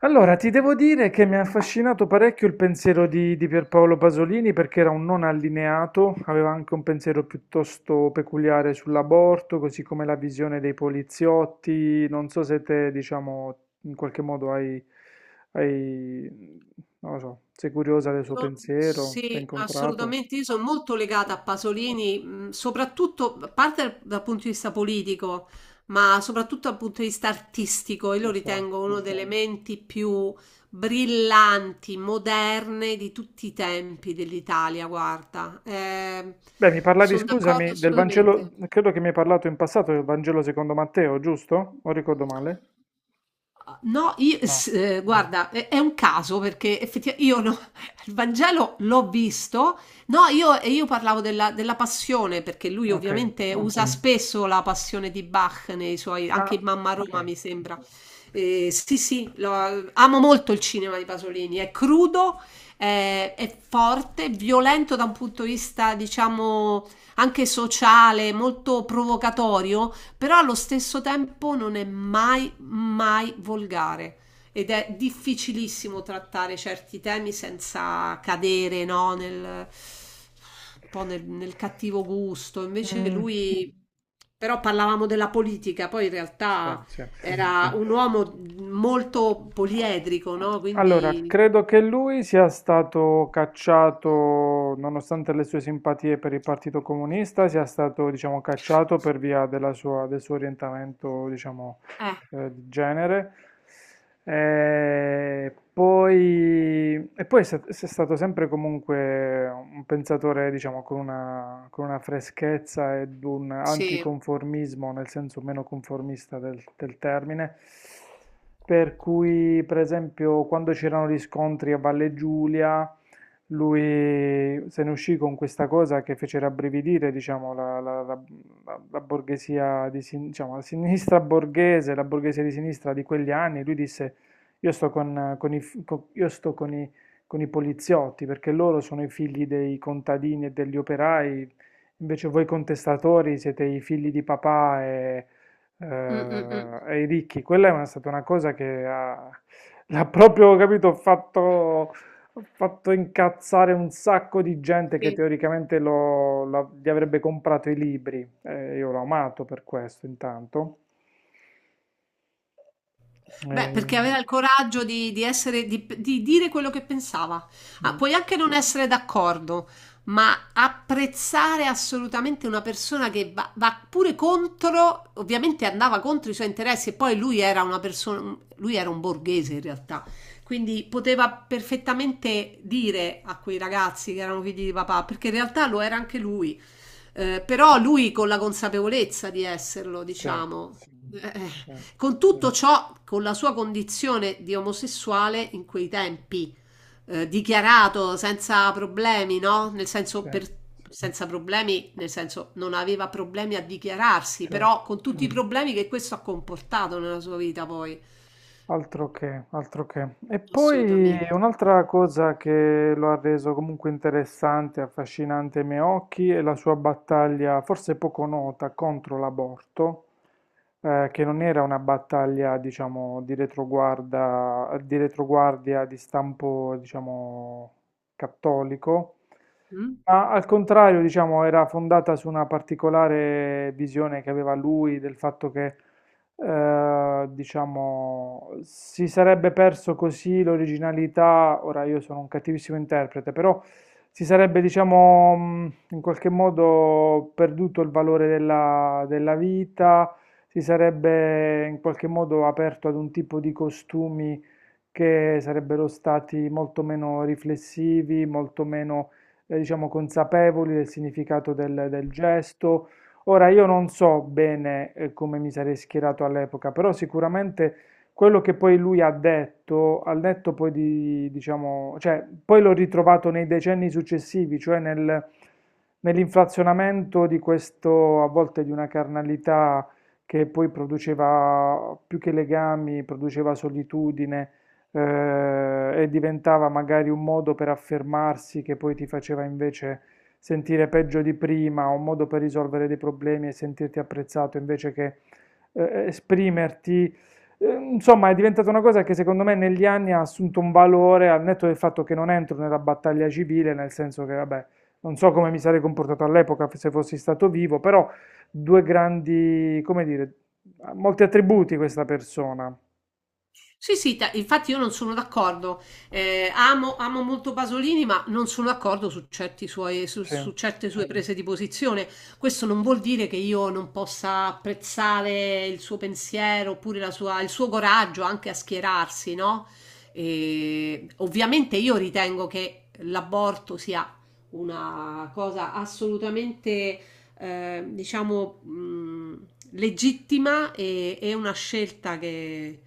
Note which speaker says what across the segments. Speaker 1: Allora, ti devo dire che mi ha affascinato parecchio il pensiero di Pierpaolo Pasolini perché era un non allineato, aveva anche un pensiero piuttosto peculiare sull'aborto, così come la visione dei poliziotti. Non so se te, diciamo, in qualche modo hai, hai- non lo so, sei curiosa del suo
Speaker 2: So-
Speaker 1: pensiero, l'hai
Speaker 2: Sì,
Speaker 1: incontrato,
Speaker 2: assolutamente. Io sono molto legata a Pasolini, soprattutto a parte dal punto di vista politico, ma soprattutto dal punto di vista artistico. Io lo
Speaker 1: lo so.
Speaker 2: ritengo uno delle Ok. menti più brillanti, moderne di tutti i tempi dell'Italia. Guarda,
Speaker 1: Beh, mi parlavi,
Speaker 2: sono d'accordo
Speaker 1: scusami, del
Speaker 2: assolutamente.
Speaker 1: Vangelo, credo che mi hai parlato in passato del Vangelo secondo Matteo, giusto? O ricordo male?
Speaker 2: No, io,
Speaker 1: No,
Speaker 2: guarda, è un caso perché effettivamente io no- il Vangelo l'ho visto, no, io, e io parlavo della passione perché lui
Speaker 1: ok.
Speaker 2: ovviamente usa Ok. spesso la passione di Bach nei suoi, anche in
Speaker 1: Ah,
Speaker 2: Mamma
Speaker 1: ok.
Speaker 2: Roma mi sembra. Sì, sì, amo molto il cinema di Pasolini, è crudo, è forte, violento da un punto di vista, diciamo, anche sociale, molto provocatorio, però allo stesso tempo non è mai, mai volgare ed è difficilissimo trattare certi temi senza cadere, no, un po' nel cattivo gusto. Invece
Speaker 1: Mm,
Speaker 2: lui, però parlavamo della politica, poi in
Speaker 1: sì,
Speaker 2: realtà
Speaker 1: sì.
Speaker 2: era un uomo molto poliedrico, no?
Speaker 1: Allora,
Speaker 2: Quindi,
Speaker 1: credo che lui sia stato cacciato, nonostante le sue simpatie per il Partito Comunista, sia stato, diciamo, cacciato per via del suo orientamento, diciamo,
Speaker 2: eh,
Speaker 1: di genere. E poi, se è stato sempre comunque un pensatore, diciamo, con una, freschezza ed un
Speaker 2: sì.
Speaker 1: anticonformismo, nel senso meno conformista del termine. Per cui, per esempio, quando c'erano gli scontri a Valle Giulia, lui se ne uscì con questa cosa che fece rabbrividire, diciamo, la, la- la- la- la borghesia di sin- diciamo, la sinistra borghese, la borghesia di sinistra di quegli anni. Lui disse: Io sto con i, f- co- io sto con i poliziotti perché loro sono i figli dei contadini e degli operai, invece voi contestatori siete i figli di papà e,
Speaker 2: Mm, mm, mm.
Speaker 1: eh, e i ricchi. Quella è stata una cosa che l'ha proprio, capito, fatto ho fatto incazzare un sacco di gente che
Speaker 2: Sì.
Speaker 1: teoricamente gli avrebbe comprato i libri. Io l'ho amato per questo, intanto.
Speaker 2: Beh,
Speaker 1: Eh,
Speaker 2: perché aveva il coraggio di essere, di dire quello che pensava. Ah,
Speaker 1: mm,
Speaker 2: puoi anche non essere d'accordo, ma apprezzare assolutamente una persona che va, va pure contro, ovviamente andava contro i suoi interessi e poi lui era una persona, lui era un borghese in realtà, quindi poteva perfettamente dire a quei ragazzi che erano figli di papà, perché in realtà lo era anche lui. Però lui con la consapevolezza di esserlo,
Speaker 1: sì,
Speaker 2: diciamo. Eh,
Speaker 1: sì,
Speaker 2: con tutto ciò, con la sua condizione di omosessuale in quei tempi, dichiarato senza problemi, no?
Speaker 1: sì,
Speaker 2: Senza problemi, nel senso non aveva problemi a dichiararsi, però
Speaker 1: certo.
Speaker 2: con tutti i Mm. problemi che questo ha comportato nella sua vita poi.
Speaker 1: Altro che, altro che. E poi
Speaker 2: Assolutamente.
Speaker 1: un'altra cosa che lo ha reso comunque interessante, affascinante ai miei occhi è la sua battaglia, forse poco nota, contro l'aborto, che non era una battaglia, diciamo, di retroguardia di stampo, diciamo, cattolico,
Speaker 2: Mm?
Speaker 1: ma al contrario, diciamo, era fondata su una particolare visione che aveva lui del fatto che, diciamo, si sarebbe perso così l'originalità. Ora io sono un cattivissimo interprete, però si sarebbe, diciamo, in qualche modo perduto il valore della vita, si sarebbe in qualche modo aperto ad un tipo di costumi che sarebbero stati molto meno riflessivi, molto meno, diciamo, consapevoli del significato del gesto. Ora, io non so bene, come mi sarei schierato all'epoca, però sicuramente quello che poi lui ha detto, al netto poi di, diciamo, cioè, poi l'ho ritrovato nei decenni successivi, cioè nell'inflazionamento di questo, a volte di una carnalità che poi produceva più che legami, produceva solitudine e diventava magari un modo per affermarsi che poi ti faceva invece sentire peggio di prima, o un modo per risolvere dei problemi e sentirti apprezzato invece che esprimerti. Insomma, è diventata una cosa che secondo me negli anni ha assunto un valore al netto del fatto che non entro nella battaglia civile, nel senso che, vabbè, non so come mi sarei comportato all'epoca se fossi stato vivo, però due grandi, come dire, ha molti attributi questa persona.
Speaker 2: Sì, sì, infatti io non sono d'accordo. Amo, amo molto Pasolini, ma non sono d'accordo su
Speaker 1: Sì,
Speaker 2: su certe sue prese di posizione. Questo non vuol dire che io non possa apprezzare il suo pensiero oppure il suo coraggio anche a schierarsi, no? E ovviamente io ritengo che l'aborto sia una cosa assolutamente, diciamo, legittima e una scelta che,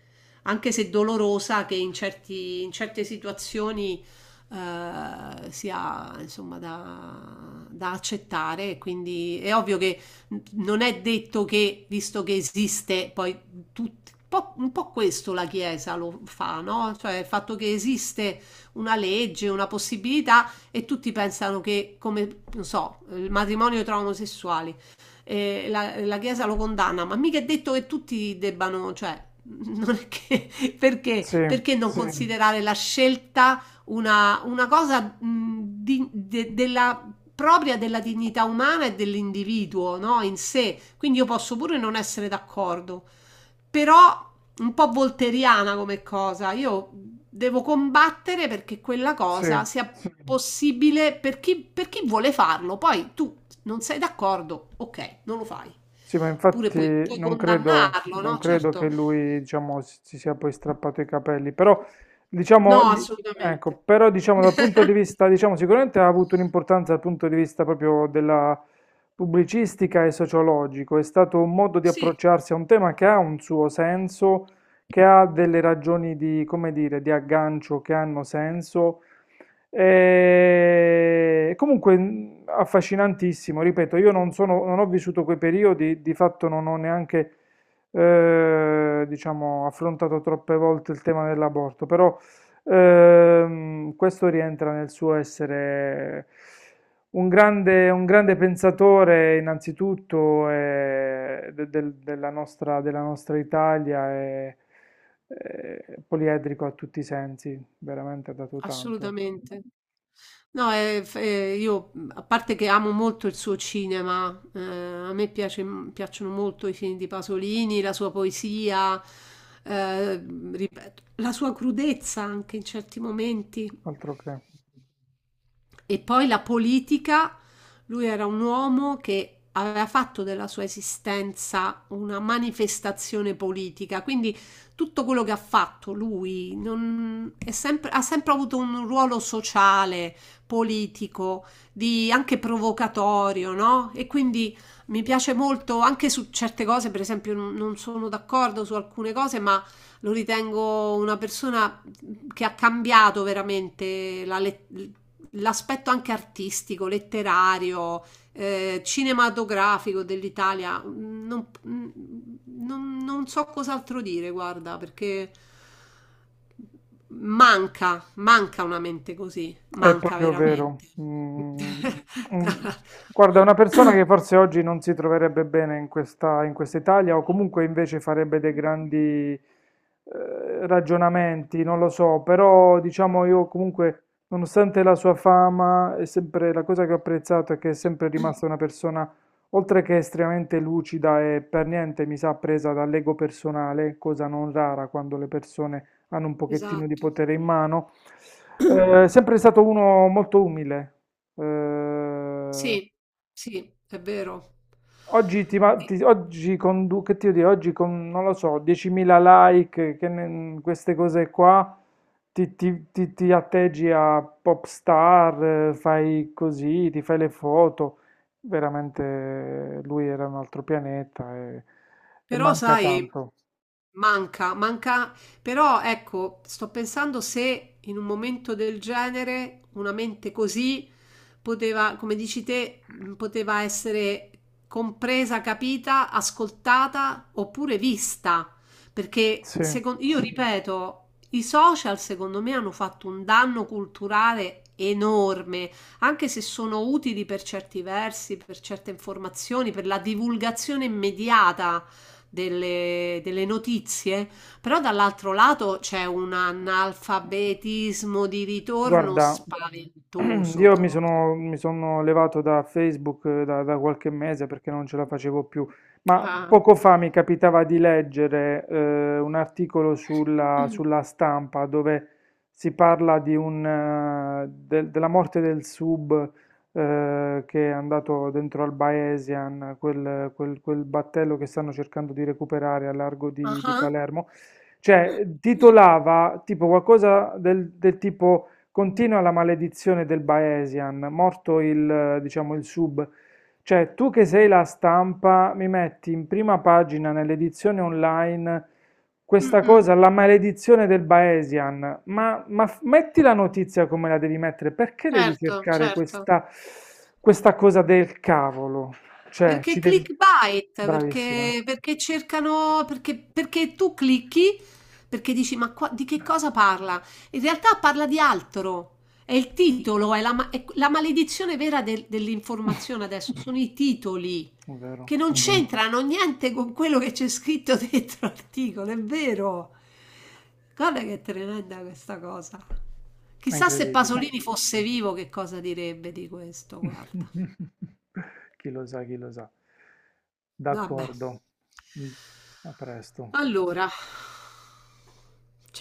Speaker 2: anche se dolorosa, che in in certe situazioni sia insomma da, da accettare. Quindi è ovvio che non è detto che, visto che esiste, poi tutti. Un po' questo la Chiesa lo fa, no? Cioè il fatto che esiste una legge, una possibilità e tutti pensano che, come, non so, il matrimonio tra omosessuali, la Chiesa lo condanna, ma mica è detto che tutti debbano, cioè, non è che,
Speaker 1: sì,
Speaker 2: perché non Sì. considerare la scelta una cosa propria della dignità umana e dell'individuo, no? In sé. Quindi io posso pure non essere d'accordo, però un po' volteriana come cosa. Io devo combattere perché quella
Speaker 1: sì.
Speaker 2: cosa sia Sì. possibile per chi vuole farlo. Poi tu non sei d'accordo? Okay, non lo fai.
Speaker 1: Sì, ma
Speaker 2: Oppure
Speaker 1: infatti
Speaker 2: puoi
Speaker 1: non credo,
Speaker 2: condannarlo,
Speaker 1: non
Speaker 2: no,
Speaker 1: credo che
Speaker 2: certo.
Speaker 1: lui, diciamo, si sia poi strappato i capelli, però, diciamo,
Speaker 2: No,
Speaker 1: ecco,
Speaker 2: assolutamente.
Speaker 1: però, diciamo, dal punto di vista, diciamo, sicuramente ha avuto un'importanza dal punto di vista proprio della pubblicistica e sociologico, è stato un modo di
Speaker 2: Sì,
Speaker 1: approcciarsi a un tema che ha un suo senso, che ha delle ragioni di, come dire, di aggancio che hanno senso e comunque affascinantissimo, ripeto, io non sono, non ho vissuto quei periodi, di fatto non ho neanche, diciamo, affrontato troppe volte il tema dell'aborto, però questo rientra nel suo essere un grande pensatore innanzitutto della nostra Italia e poliedrico a tutti i sensi, veramente ha dato tanto.
Speaker 2: assolutamente. No, f io, mhmm, a parte che amo molto il suo cinema, a me piace mhmm, piacciono molto i film di Pasolini, la sua poesia, ripeto, la sua crudezza anche in certi momenti.
Speaker 1: Altro che.
Speaker 2: E poi la politica, lui era un uomo che aveva fatto della sua esistenza una manifestazione politica, quindi tutto quello che ha fatto lui ha sempre avuto un ruolo sociale, politico, anche provocatorio, no? E quindi mi piace molto anche su certe cose, per esempio non sono d'accordo su alcune cose, ma lo ritengo una persona che ha cambiato veramente l'aspetto anche artistico, letterario, cinematografico dell'Italia, non, non so cos'altro dire, guarda, perché manca, manca una mente così,
Speaker 1: È
Speaker 2: manca
Speaker 1: proprio vero.
Speaker 2: veramente.
Speaker 1: Mm, mm. Guarda, una persona che forse oggi non si troverebbe bene in questa Italia o comunque invece farebbe dei grandi eh, ragionamenti, non lo so, però diciamo io comunque, nonostante la sua fama, è sempre, la cosa che ho apprezzato è che è sempre rimasta una persona, oltre che estremamente lucida e per niente mi sa presa dall'ego personale, cosa non rara quando le persone hanno un pochettino di
Speaker 2: Esatto.
Speaker 1: potere in mano. Sempre stato uno molto umile. Eh,
Speaker 2: Sì, sì, è vero.
Speaker 1: oggi, ti, ma- ti- oggi con, Che ti devo dire, oggi con, non lo so, 10.000 like, queste cose qua, ti atteggi a pop star, fai così, ti fai le foto. Veramente lui era un altro pianeta e
Speaker 2: Però
Speaker 1: manca
Speaker 2: sai,
Speaker 1: tanto.
Speaker 2: manca, manca, però ecco, sto pensando se in un momento del genere una mente così poteva, come dici te, poteva essere compresa, capita, ascoltata oppure vista, perché
Speaker 1: Sì.
Speaker 2: io ripeto, i social secondo me hanno fatto un danno culturale enorme, anche se sono utili per certi versi, per certe informazioni, per la divulgazione immediata delle notizie, però dall'altro lato c'è un analfabetismo di ritorno
Speaker 1: Guarda,
Speaker 2: spaventoso
Speaker 1: io mi
Speaker 2: proprio.
Speaker 1: sono, mi sono levato da Facebook da qualche mese perché non ce la facevo più, ma
Speaker 2: Ah,
Speaker 1: poco fa mi capitava di leggere un articolo sulla stampa dove si parla della morte del sub che è andato dentro al Baesian, quel battello che stanno cercando di recuperare a largo
Speaker 2: ah.
Speaker 1: di
Speaker 2: Ah.
Speaker 1: Palermo. Cioè, titolava tipo qualcosa del tipo Continua la maledizione del Baesian, morto il sub. Cioè, tu che sei la stampa, mi metti in prima pagina nell'edizione online
Speaker 2: Mm,
Speaker 1: questa
Speaker 2: mm,
Speaker 1: cosa, la maledizione del Baesian. Ma, metti la notizia come la devi mettere, perché devi
Speaker 2: certo,
Speaker 1: cercare
Speaker 2: certo.
Speaker 1: questa cosa del cavolo? Cioè,
Speaker 2: Perché
Speaker 1: ci devi.
Speaker 2: clickbait,
Speaker 1: Bravissima,
Speaker 2: perché cercano perché tu clicchi, perché dici: "Ma qua di che cosa parla?" In realtà parla di altro. È il titolo, è la ma è q la maledizione vera del dell'informazione adesso sono i titoli,
Speaker 1: è
Speaker 2: che
Speaker 1: vero.
Speaker 2: non Mh-mh. C'entrano niente con quello che c'è scritto dentro l'articolo, è vero. Guarda che tremenda questa cosa.
Speaker 1: È
Speaker 2: Chissà se.
Speaker 1: incredibile.
Speaker 2: Pasolini fosse vivo che cosa direbbe di questo, guarda.
Speaker 1: Chi lo sa, chi lo sa.
Speaker 2: Vabbè.
Speaker 1: D'accordo. Mm, A presto.
Speaker 2: Allora,